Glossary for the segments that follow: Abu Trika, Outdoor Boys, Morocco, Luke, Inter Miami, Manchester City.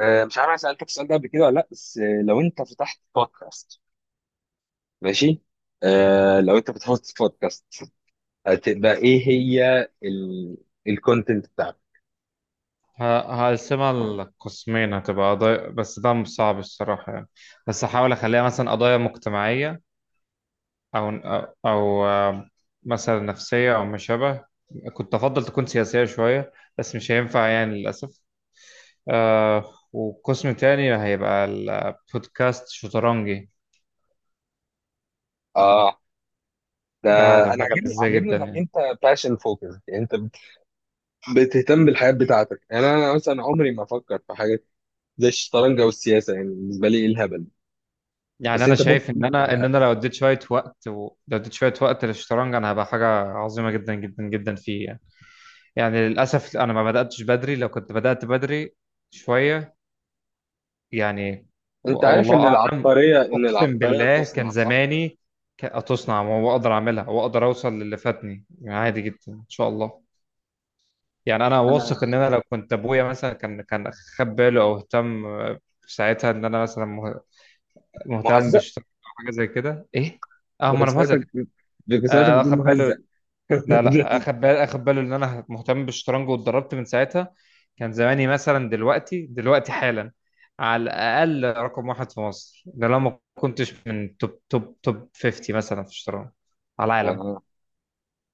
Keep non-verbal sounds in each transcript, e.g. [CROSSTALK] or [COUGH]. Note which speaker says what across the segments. Speaker 1: مش عارف انا سالتك السؤال ده قبل كده ولا لا. بس لو انت فتحت بودكاست، ماشي. لو انت فتحت بودكاست، هتبقى ايه هي الكونتنت بتاعك؟
Speaker 2: ه- هقسمها لقسمين، هتبقى قضايا. بس ده مش صعب الصراحة يعني. بس هحاول أخليها مثلا قضايا مجتمعية أو مثلا نفسية أو ما شابه. كنت أفضل تكون سياسية شوية، بس مش هينفع يعني للأسف. وقسم تاني هيبقى البودكاست شطرنجي.
Speaker 1: اه، ده
Speaker 2: ده
Speaker 1: انا
Speaker 2: هتبقى
Speaker 1: عاجبني
Speaker 2: ازاي
Speaker 1: عاجبني
Speaker 2: جدا
Speaker 1: انك
Speaker 2: يعني.
Speaker 1: انت باشن فوكس، يعني انت بتهتم بالحياه بتاعتك. يعني انا مثلا عمري ما افكر في حاجه زي الشطرنج او السياسه، يعني بالنسبه لي ايه الهبل؟
Speaker 2: يعني
Speaker 1: بس
Speaker 2: أنا
Speaker 1: انت
Speaker 2: شايف
Speaker 1: ممكن
Speaker 2: إن أنا إن
Speaker 1: تحبها.
Speaker 2: أنا لو اديت شوية وقت للشطرنج أنا هبقى حاجة عظيمة جدا جدا جدا فيه يعني. يعني للأسف أنا ما بدأتش بدري. لو كنت بدأت بدري شوية يعني.
Speaker 1: انت عارف
Speaker 2: والله
Speaker 1: ان
Speaker 2: أعلم.
Speaker 1: العبقريه ان
Speaker 2: أقسم
Speaker 1: العبقريه
Speaker 2: بالله كان
Speaker 1: تصنع، صح؟
Speaker 2: زماني، تصنع وأقدر أعملها وأقدر أوصل للي فاتني يعني، عادي جدا إن شاء الله. يعني أنا واثق إن
Speaker 1: انا
Speaker 2: أنا لو كنت أبويا مثلا كان خد باله أو اهتم في ساعتها، إن أنا مثلا مهتم
Speaker 1: مهزأ
Speaker 2: بشغل أو حاجة زي كده. إيه؟ أه، ما أنا مهزأ
Speaker 1: بجسمتك.
Speaker 2: كده.
Speaker 1: بجسمتك
Speaker 2: آه،
Speaker 1: دي
Speaker 2: أخد باله.
Speaker 1: مهزأ.
Speaker 2: لا لا،
Speaker 1: [LAUGHS]
Speaker 2: اخد باله ان انا مهتم بالشطرنج، واتدربت من ساعتها كان زماني مثلا دلوقتي دلوقتي حالا على الاقل رقم واحد في مصر. ده لو ما كنتش من توب توب توب 50 مثلا في الشطرنج على العالم.
Speaker 1: آه.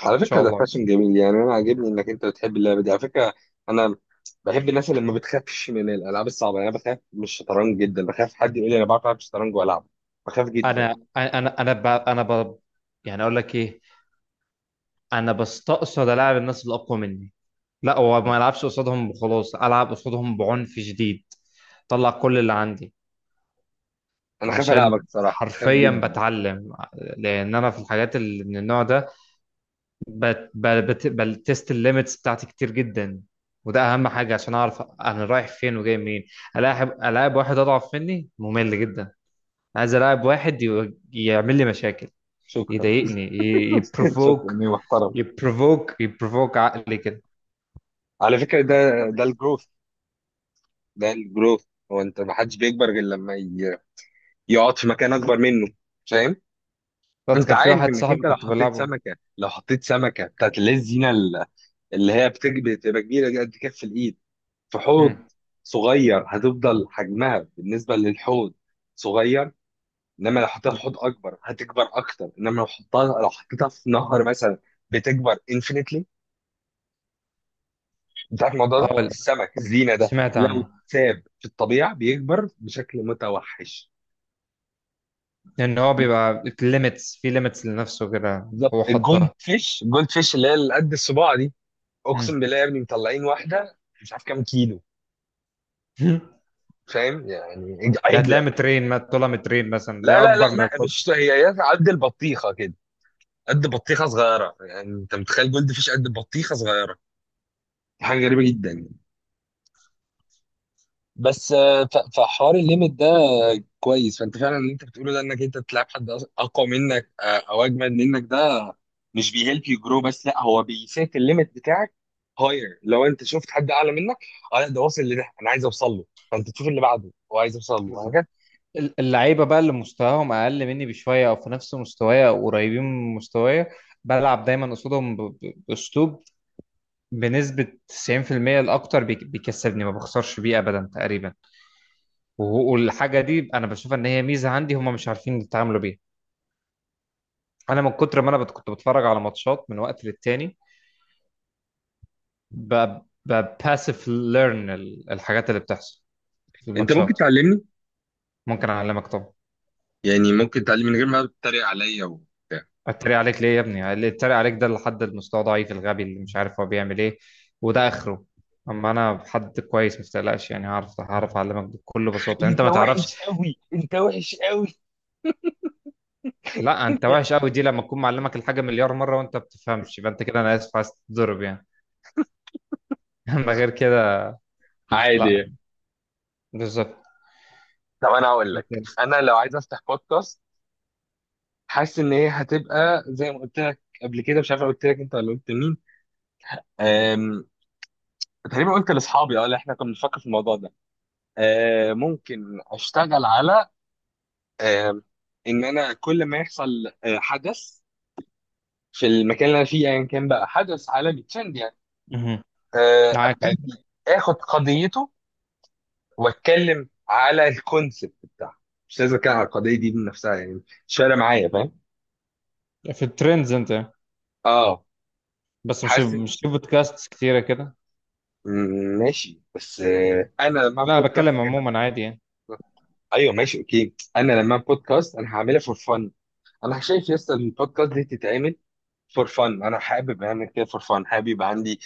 Speaker 1: على
Speaker 2: ان شاء
Speaker 1: فكرة ده
Speaker 2: الله.
Speaker 1: فاشن جميل، يعني أنا عاجبني إنك أنت بتحب اللعبة دي على فكرة. أنا بحب الناس اللي ما بتخافش من الألعاب الصعبة، يعني أنا بخاف من الشطرنج جدا، بخاف حد يقول لي أنا بعرف ألعب شطرنج وألعب، بخاف جدا.
Speaker 2: انا انا انا ب... انا ب... يعني اقول لك ايه، انا بستقصد العب الناس اللي اقوى مني. لا، هو ما العبش قصادهم وخلاص، العب قصادهم بعنف شديد، طلع كل اللي عندي،
Speaker 1: أنا خايف ألعبك
Speaker 2: عشان
Speaker 1: صراحة، خايف
Speaker 2: حرفيا
Speaker 1: جدا.
Speaker 2: بتعلم. لان انا في الحاجات اللي من النوع ده بتست الليميتس بتاعتي كتير جدا، وده اهم حاجه عشان اعرف انا رايح فين وجاي منين. الاعب واحد اضعف مني ممل جدا. عايز الاعب واحد يعمل لي مشاكل،
Speaker 1: شكرا.
Speaker 2: يضايقني،
Speaker 1: [LAUGHS] شكرا
Speaker 2: يبروفوك
Speaker 1: إني محترم.
Speaker 2: يبروفوك عقلي كده.
Speaker 1: على فكرة ده
Speaker 2: بالظبط.
Speaker 1: الجروث، ده الجروث. هو أنت ما حدش بيكبر غير لما يقعد في مكان أكبر منه، فاهم؟ أنت
Speaker 2: كان في
Speaker 1: عارف
Speaker 2: واحد
Speaker 1: إنك
Speaker 2: صاحبي
Speaker 1: أنت لو
Speaker 2: كنت
Speaker 1: حطيت
Speaker 2: بلعبه.
Speaker 1: سمكة، بتاعت اللي هي الزينة، اللي هي بتبقى كبيرة قد كف الإيد، في حوض
Speaker 2: مم.
Speaker 1: صغير، هتفضل حجمها بالنسبه للحوض صغير. انما لو حطيتها في حوض اكبر هتكبر اكتر. انما لو حطيتها، لو حطيتها في نهر مثلا بتكبر انفينيتلي. انت عارف الموضوع ده؟
Speaker 2: اه،
Speaker 1: السمك الزينه ده
Speaker 2: سمعت
Speaker 1: لو
Speaker 2: عنه.
Speaker 1: اتساب في الطبيعه بيكبر بشكل متوحش.
Speaker 2: لأن هو بيبقى ليميتس في ليميتس لنفسه كده
Speaker 1: بالظبط،
Speaker 2: هو
Speaker 1: الجولد
Speaker 2: حطها.
Speaker 1: فيش الجولد فيش اللي هي اللي قد الصباع دي،
Speaker 2: مم.
Speaker 1: اقسم بالله يا ابني مطلعين واحده مش عارف كام كيلو،
Speaker 2: [LAUGHS]
Speaker 1: فاهم؟ يعني
Speaker 2: ده
Speaker 1: عجله.
Speaker 2: هتلاقيها مترين، طولها مترين مثلا،
Speaker 1: لا
Speaker 2: لا
Speaker 1: لا لا
Speaker 2: أكبر من
Speaker 1: لا،
Speaker 2: الحب.
Speaker 1: مش هي، هي قد البطيخه كده، قد بطيخه صغيره. يعني انت متخيل جولد فيش قد بطيخه صغيره؟ دي حاجه غريبه جدا يعني. بس فحوار الليميت ده كويس. فانت فعلا اللي انت بتقوله ده، انك انت تلعب حد اقوى منك او اجمد منك، ده مش بيهلب يو جرو، بس لا هو بيسيت الليميت بتاعك هاير. لو انت شفت حد اعلى منك، اه لا، ده واصل لده انا عايز اوصل له، فانت تشوف اللي بعده هو عايز يوصل له،
Speaker 2: بالظبط.
Speaker 1: وهكذا.
Speaker 2: اللعيبة بقى اللي مستواهم أقل مني بشوية أو في نفس مستوايا أو قريبين من مستوايا، بلعب دايما قصادهم بأسلوب. بنسبة 90% الأكتر بيكسبني، ما بخسرش بيه أبدا تقريبا. والحاجة دي أنا بشوف إن هي ميزة عندي، هم مش عارفين يتعاملوا بيها. أنا من كتر ما أنا كنت بتفرج على ماتشات من وقت للتاني، ب- بباسف ليرن الحاجات اللي بتحصل في
Speaker 1: انت ممكن
Speaker 2: الماتشات.
Speaker 1: تعلمني؟
Speaker 2: ممكن اعلمك طبعا.
Speaker 1: يعني ممكن تعلمني من غير ما تتريق عليا وبتاع؟
Speaker 2: اتريق عليك ليه يا ابني؟ اللي اتريق عليك ده اللي حد المستوى ضعيف الغبي اللي مش عارف هو بيعمل ايه، وده اخره. اما انا حد كويس ما تقلقش يعني، هعرف اعلمك بكل بساطه انت
Speaker 1: انت
Speaker 2: ما تعرفش.
Speaker 1: وحش قوي، انت وحش قوي.
Speaker 2: لا، انت وحش قوي دي لما اكون معلمك الحاجه مليار مره وانت ما بتفهمش، يبقى انت كده انا اسف عايز تضرب يعني. [LAUGHS] اما غير كده لا.
Speaker 1: عادي.
Speaker 2: بالظبط.
Speaker 1: طب انا هقول لك، انا لو عايز افتح بودكاست، حاسس ان هي هتبقى زي ما قلت لك قبل كده، مش عارف قلت لك انت ولا قلت مين. أم... تقريبا قلت لاصحابي، اه، اللي احنا كنا بنفكر في الموضوع ده. أه، ممكن اشتغل على أم... ان انا كل ما يحصل أه، حدث في المكان اللي انا فيه، ايا كان، بقى حدث عالمي ترند يعني.
Speaker 2: مهم.
Speaker 1: أه،
Speaker 2: معاك، أيوة.
Speaker 1: ابتدي اخد قضيته واتكلم على الكونسبت بتاعه. مش لازم اتكلم على القضيه دي بنفسها يعني، مش فارقه معايا، فاهم؟
Speaker 2: في الترندز انت؟
Speaker 1: اه.
Speaker 2: بس مش
Speaker 1: حاسس.
Speaker 2: مش في بودكاست كتيره كده.
Speaker 1: ماشي. بس انا لما اعمل
Speaker 2: لا، انا
Speaker 1: بودكاست
Speaker 2: بتكلم
Speaker 1: غير لما
Speaker 2: عموما
Speaker 1: أعمل
Speaker 2: عادي يعني.
Speaker 1: بودكاست. ايوه ماشي، اوكي. انا لما اعمل بودكاست انا هعملها فور فن. انا شايف يس، البودكاست دي تتعمل فور فن. انا حابب اعمل كده فور فن. حابب يبقى عندي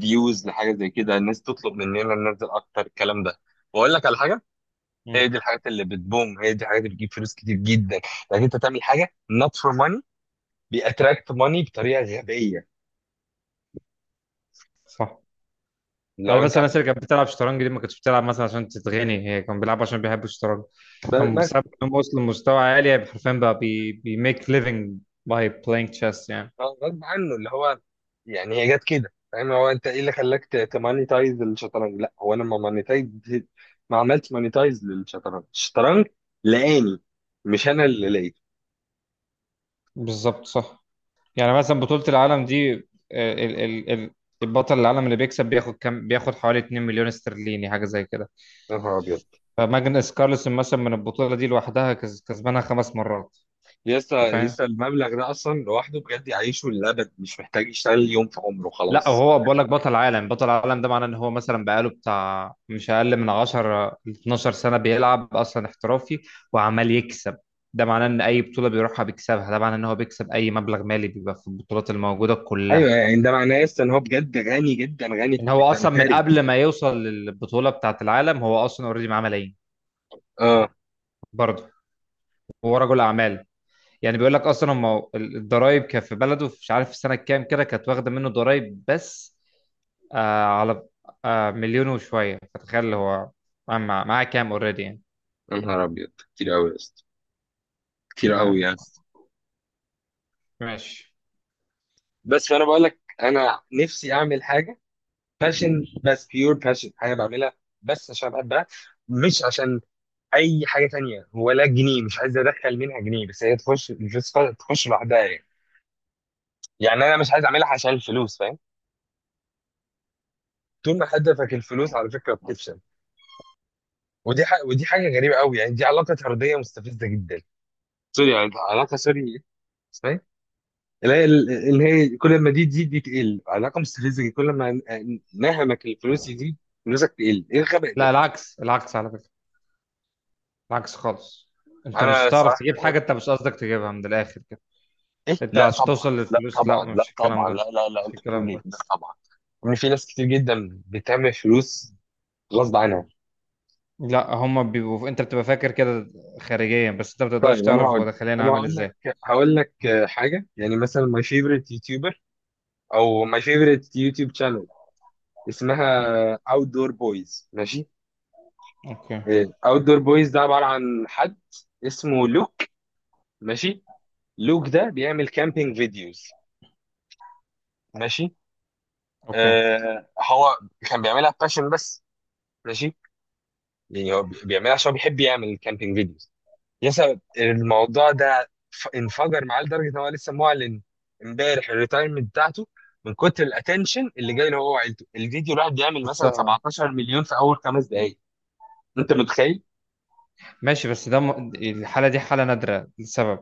Speaker 1: فيوز لحاجه زي كده، الناس تطلب مننا ننزل اكتر الكلام ده. واقول لك على حاجه، هي
Speaker 2: مم.
Speaker 1: دي الحاجات اللي بتبوم، هي دي الحاجات اللي بتجيب فلوس كتير جدا. لكن انت تعمل حاجه not for money، بيأتراكت money بطريقه غبيه.
Speaker 2: صح. يعني
Speaker 1: لو انت،
Speaker 2: مثلا الناس اللي كانت بتلعب شطرنج دي ما كانتش بتلعب مثلا عشان تتغني، هي كانوا بيلعبوا عشان بيحبوا الشطرنج.
Speaker 1: بس
Speaker 2: فبسبب انهم وصلوا لمستوى عالي حرفيا بقى بي make living by playing chess يعني.
Speaker 1: اه غصب عنه اللي هو، يعني هي جت كده، فاهم؟ هو انت ايه اللي خلاك تمانيتايز الشطرنج؟ لا هو، انا ما مانيتايز، ما عملت مانيتايز للشطرنج، الشطرنج لقاني، مش انا اللي لقيته.
Speaker 2: بالظبط صح. يعني مثلا بطولة العالم دي، آه، ال ال ال البطل العالم اللي بيكسب بياخد كام؟ بياخد حوالي 2 مليون استرليني، حاجة زي كده.
Speaker 1: يا نهار ابيض،
Speaker 2: فماجنس كارلسن مثلا من البطولة دي لوحدها كسبانها خمس مرات.
Speaker 1: يسا
Speaker 2: انت فاهم؟
Speaker 1: يسا المبلغ ده اصلا لوحده بجد يعيشه للابد، مش محتاج يشتغل يوم في عمره
Speaker 2: لا،
Speaker 1: خلاص.
Speaker 2: هو بقول لك بطل عالم بطل عالم، ده معناه ان هو مثلا بقاله بتاع مش اقل من 10 ل 12 سنه بيلعب اصلا احترافي وعمال يكسب. ده معناه ان اي بطوله بيروحها بيكسبها. ده معناه ان هو بيكسب اي مبلغ مالي بيبقى في البطولات الموجوده
Speaker 1: ايوه
Speaker 2: كلها.
Speaker 1: يعني ده معناه يسا ان هو بجد غني، جدا غني،
Speaker 2: ان هو اصلا من
Speaker 1: ثري.
Speaker 2: قبل ما يوصل للبطوله بتاعه العالم هو اصلا اوريدي معاه ملايين.
Speaker 1: اه.
Speaker 2: برضه هو رجل اعمال يعني. بيقول لك اصلا هم الضرايب كان في بلده، مش عارف في سنه كام كده، كانت واخده منه ضرايب بس، على مليون وشوية. فتخيل هو معاه كام اوريدي يعني.
Speaker 1: يا نهار ابيض كتير قوي يسا، كتير
Speaker 2: انت
Speaker 1: قوي
Speaker 2: فاهم؟
Speaker 1: يسا.
Speaker 2: ماشي.
Speaker 1: بس فانا بقول لك انا نفسي اعمل حاجه باشن، بس بيور باشن، حاجه بعملها بس عشان بحبها، مش عشان اي حاجه تانية ولا جنيه. مش عايز ادخل منها جنيه، بس هي تخش الفلوس تخش لوحدها يعني. يعني انا مش عايز اعملها عشان الفلوس، فاهم؟ طول ما هدفك الفلوس على فكره بتفشل. ودي حاجة، ودي حاجه غريبه قوي يعني، دي علاقه طرديه مستفزه جدا. سوري يعني، علاقه سوري، اسمها ايه، اللي هي، اللي هي كل ما دي تزيد دي تقل، علاقه مستفزه جدا. كل ما نهمك الفلوس يزيد، فلوسك تقل. ايه الغباء
Speaker 2: لا،
Speaker 1: ده؟
Speaker 2: العكس. العكس على فكرة. العكس خالص. انت مش
Speaker 1: انا
Speaker 2: هتعرف
Speaker 1: صراحه
Speaker 2: تجيب حاجة انت مش قصدك تجيبها من الاخر كده.
Speaker 1: ايه،
Speaker 2: انت
Speaker 1: لا
Speaker 2: عشان
Speaker 1: طبعا،
Speaker 2: توصل
Speaker 1: لا
Speaker 2: للفلوس، لا،
Speaker 1: طبعا، لا
Speaker 2: مش الكلام
Speaker 1: طبعا،
Speaker 2: ده،
Speaker 1: لا لا لا،
Speaker 2: مش
Speaker 1: انت بتقول
Speaker 2: الكلام
Speaker 1: ايه؟
Speaker 2: ده.
Speaker 1: لا طبعا. ان في ناس كتير جدا بتعمل فلوس غصب عنها.
Speaker 2: لا، هما بيبقوا انت بتبقى فاكر كده خارجيا، بس انت ما بتقدرش
Speaker 1: طيب انا
Speaker 2: تعرف هو
Speaker 1: هقول،
Speaker 2: داخليا
Speaker 1: انا
Speaker 2: عامل
Speaker 1: هقول لك
Speaker 2: ازاي.
Speaker 1: هقول لك حاجه. يعني مثلا ماي فيفرت يوتيوبر، او ماي فيفرت يوتيوب شانل، اسمها
Speaker 2: مم.
Speaker 1: اوت دور بويز، ماشي؟
Speaker 2: اوكي
Speaker 1: اوت دور بويز ده عباره عن حد اسمه لوك، ماشي؟ لوك ده بيعمل كامبينج فيديوز، ماشي؟
Speaker 2: اوكي،
Speaker 1: آه، هو كان بيعملها باشن بس، ماشي؟ يعني هو بيعملها عشان هو بيحب يعمل كامبينج فيديوز. يسا الموضوع ده انفجر معاه لدرجه ان هو لسه معلن امبارح الريتايرمنت بتاعته، من كتر الاتنشن اللي جاي له هو وعيلته. الفيديو الواحد بيعمل مثلا
Speaker 2: شفتها.
Speaker 1: 17 مليون في اول 5 دقائق، انت متخيل؟
Speaker 2: ماشي. بس ده الحالة دي حالة نادرة لسبب،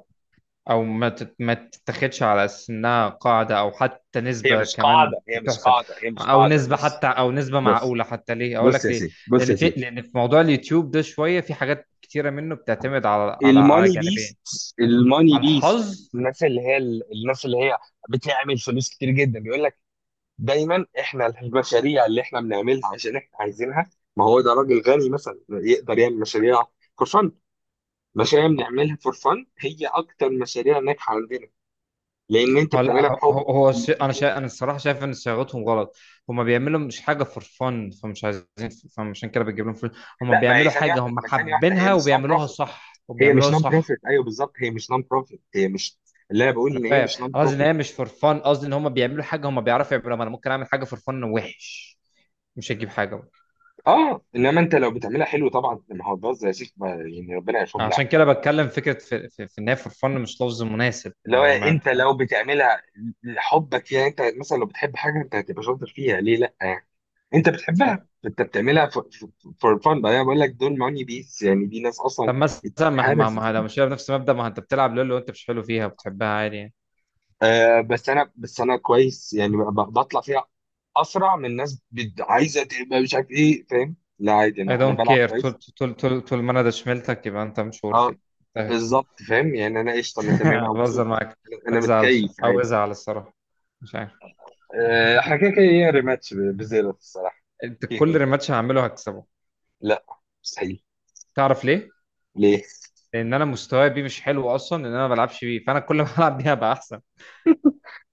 Speaker 2: او ما تتاخدش على اساس انها قاعده او حتى
Speaker 1: هي
Speaker 2: نسبه
Speaker 1: مش
Speaker 2: كمان
Speaker 1: قاعده، هي مش
Speaker 2: تحسب،
Speaker 1: قاعده، هي مش
Speaker 2: او
Speaker 1: قاعده.
Speaker 2: نسبه
Speaker 1: بص،
Speaker 2: حتى، او نسبه
Speaker 1: بص،
Speaker 2: معقوله حتى. ليه؟ اقول
Speaker 1: بص
Speaker 2: لك
Speaker 1: يا
Speaker 2: ليه.
Speaker 1: سيدي، بص
Speaker 2: لان
Speaker 1: يا
Speaker 2: في،
Speaker 1: سيدي.
Speaker 2: لان في موضوع اليوتيوب ده شويه في حاجات كتيره منه بتعتمد على
Speaker 1: الماني بيست،
Speaker 2: جانبين،
Speaker 1: الماني
Speaker 2: على
Speaker 1: بيست.
Speaker 2: الحظ.
Speaker 1: الناس اللي هي، الناس اللي هي بتعمل فلوس كتير جدا بيقول، دايما احنا المشاريع اللي احنا بنعملها عشان احنا عايزينها، ما هو ده راجل غني مثلا يقدر يعمل مشاريع فور فن. مشاريع بنعملها فور فن هي اكتر مشاريع ناجحه عندنا، لان انت
Speaker 2: هو لا
Speaker 1: بتعملها
Speaker 2: هو هو
Speaker 1: بحب
Speaker 2: هو الش- انا
Speaker 1: فيها.
Speaker 2: شا... انا الصراحه شايف ان صياغتهم غلط. هما بيعملوا مش حاجه فور فن، فمش عايزين، فمش عشان كده بتجيب لهم فلوس. هما
Speaker 1: لا، ما هي
Speaker 2: بيعملوا
Speaker 1: ثانيه
Speaker 2: حاجه
Speaker 1: واحده،
Speaker 2: هما
Speaker 1: ما هي ثانيه واحده، هي
Speaker 2: حابينها
Speaker 1: مش نون
Speaker 2: وبيعملوها
Speaker 1: بروفيت.
Speaker 2: صح
Speaker 1: هي مش
Speaker 2: وبيعملوها
Speaker 1: نون
Speaker 2: صح.
Speaker 1: بروفيت، ايوه بالظبط، هي مش نون بروفيت. هي مش، اللي انا بقول
Speaker 2: انا
Speaker 1: ان هي
Speaker 2: فاهم.
Speaker 1: مش نون
Speaker 2: انا قصدي ان
Speaker 1: بروفيت.
Speaker 2: هي مش فور فن، قصدي ان هم بيعملوا حاجه هم بيعرفوا يعملوها. ما انا ممكن اعمل حاجه فور فن وحش مش هتجيب حاجه برضه.
Speaker 1: اه. انما انت لو بتعملها حلو طبعا، ما هو باظ يا شيخ يعني، ربنا يشوف.
Speaker 2: عشان كده بتكلم، فكره في ان هي فور فن مش لفظ مناسب
Speaker 1: اللي
Speaker 2: ان
Speaker 1: هو
Speaker 2: هم انت
Speaker 1: انت
Speaker 2: فاهم.
Speaker 1: لو بتعملها لحبك، يعني انت مثلا لو بتحب حاجه انت هتبقى شاطر فيها، ليه لا يعني؟ انت
Speaker 2: أنت
Speaker 1: بتحبها،
Speaker 2: فاهم.
Speaker 1: انت بتعملها فور فان بقى. انا بقول لك دول ماني بيس، يعني دي ناس اصلا
Speaker 2: طب مثلا ما ما
Speaker 1: اتهرست.
Speaker 2: ما لو مش بنفس المبدا، ما انت بتلعب لولو وانت مش حلو فيها وبتحبها عادي يعني.
Speaker 1: آه بس انا، بس انا كويس يعني بطلع فيها اسرع من ناس عايزه تبقى مش عارف ايه، فاهم؟ لا عادي،
Speaker 2: I
Speaker 1: انا
Speaker 2: don't
Speaker 1: بلعب
Speaker 2: care. طول
Speaker 1: كويس.
Speaker 2: طول طول طول ما انا ده شملتك يبقى انت مش ورثي،
Speaker 1: اه
Speaker 2: انتهت.
Speaker 1: بالظبط، فاهم يعني انا قشطه، انا تمام، انا
Speaker 2: [LAUGHS] بهزر
Speaker 1: مبسوط.
Speaker 2: معاك.
Speaker 1: انا
Speaker 2: ما
Speaker 1: أنا
Speaker 2: تزعلش،
Speaker 1: متكيف
Speaker 2: او
Speaker 1: عادي.
Speaker 2: ازعل الصراحه مش عارف.
Speaker 1: احنا كده كده ايه، ريماتش بزيرو الصراحه.
Speaker 2: انت كل
Speaker 1: [LAUGHS]
Speaker 2: ريماتش هعمله هكسبه.
Speaker 1: لا، مستحيل.
Speaker 2: تعرف ليه؟
Speaker 1: ليه؟
Speaker 2: لان انا مستواي بيه مش حلو اصلا، لان انا ما بلعبش بيه، فانا كل ما العب بيها بقى احسن.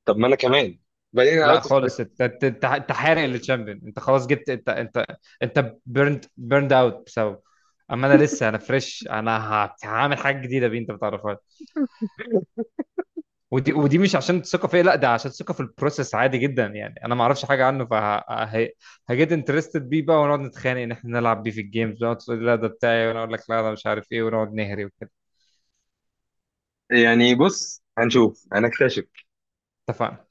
Speaker 1: طب ما انا كمان، بعدين
Speaker 2: لا
Speaker 1: اوت اوف.
Speaker 2: خالص، انت انت انت أنت حارق للتشامبيون. انت خلاص جبت. انت انت بيرند اوت بسبب. اما انا لسه انا فريش. انا هعمل حاجه جديده بيه انت ما تعرفهاش. ودي مش عشان الثقه فيا، لا، ده عشان الثقه في البروسيس عادي جدا يعني. انا ما اعرفش حاجه عنه، فهجيت انترستد بيه بقى، ونقعد نتخانق ان احنا نلعب بيه في الجيمز، ونقعد تقول لي لا ده بتاعي وانا اقول لك لا ده مش عارف ايه ونقعد نهري وكده.
Speaker 1: يعني بص، هنشوف، هنكتشف.
Speaker 2: اتفقنا.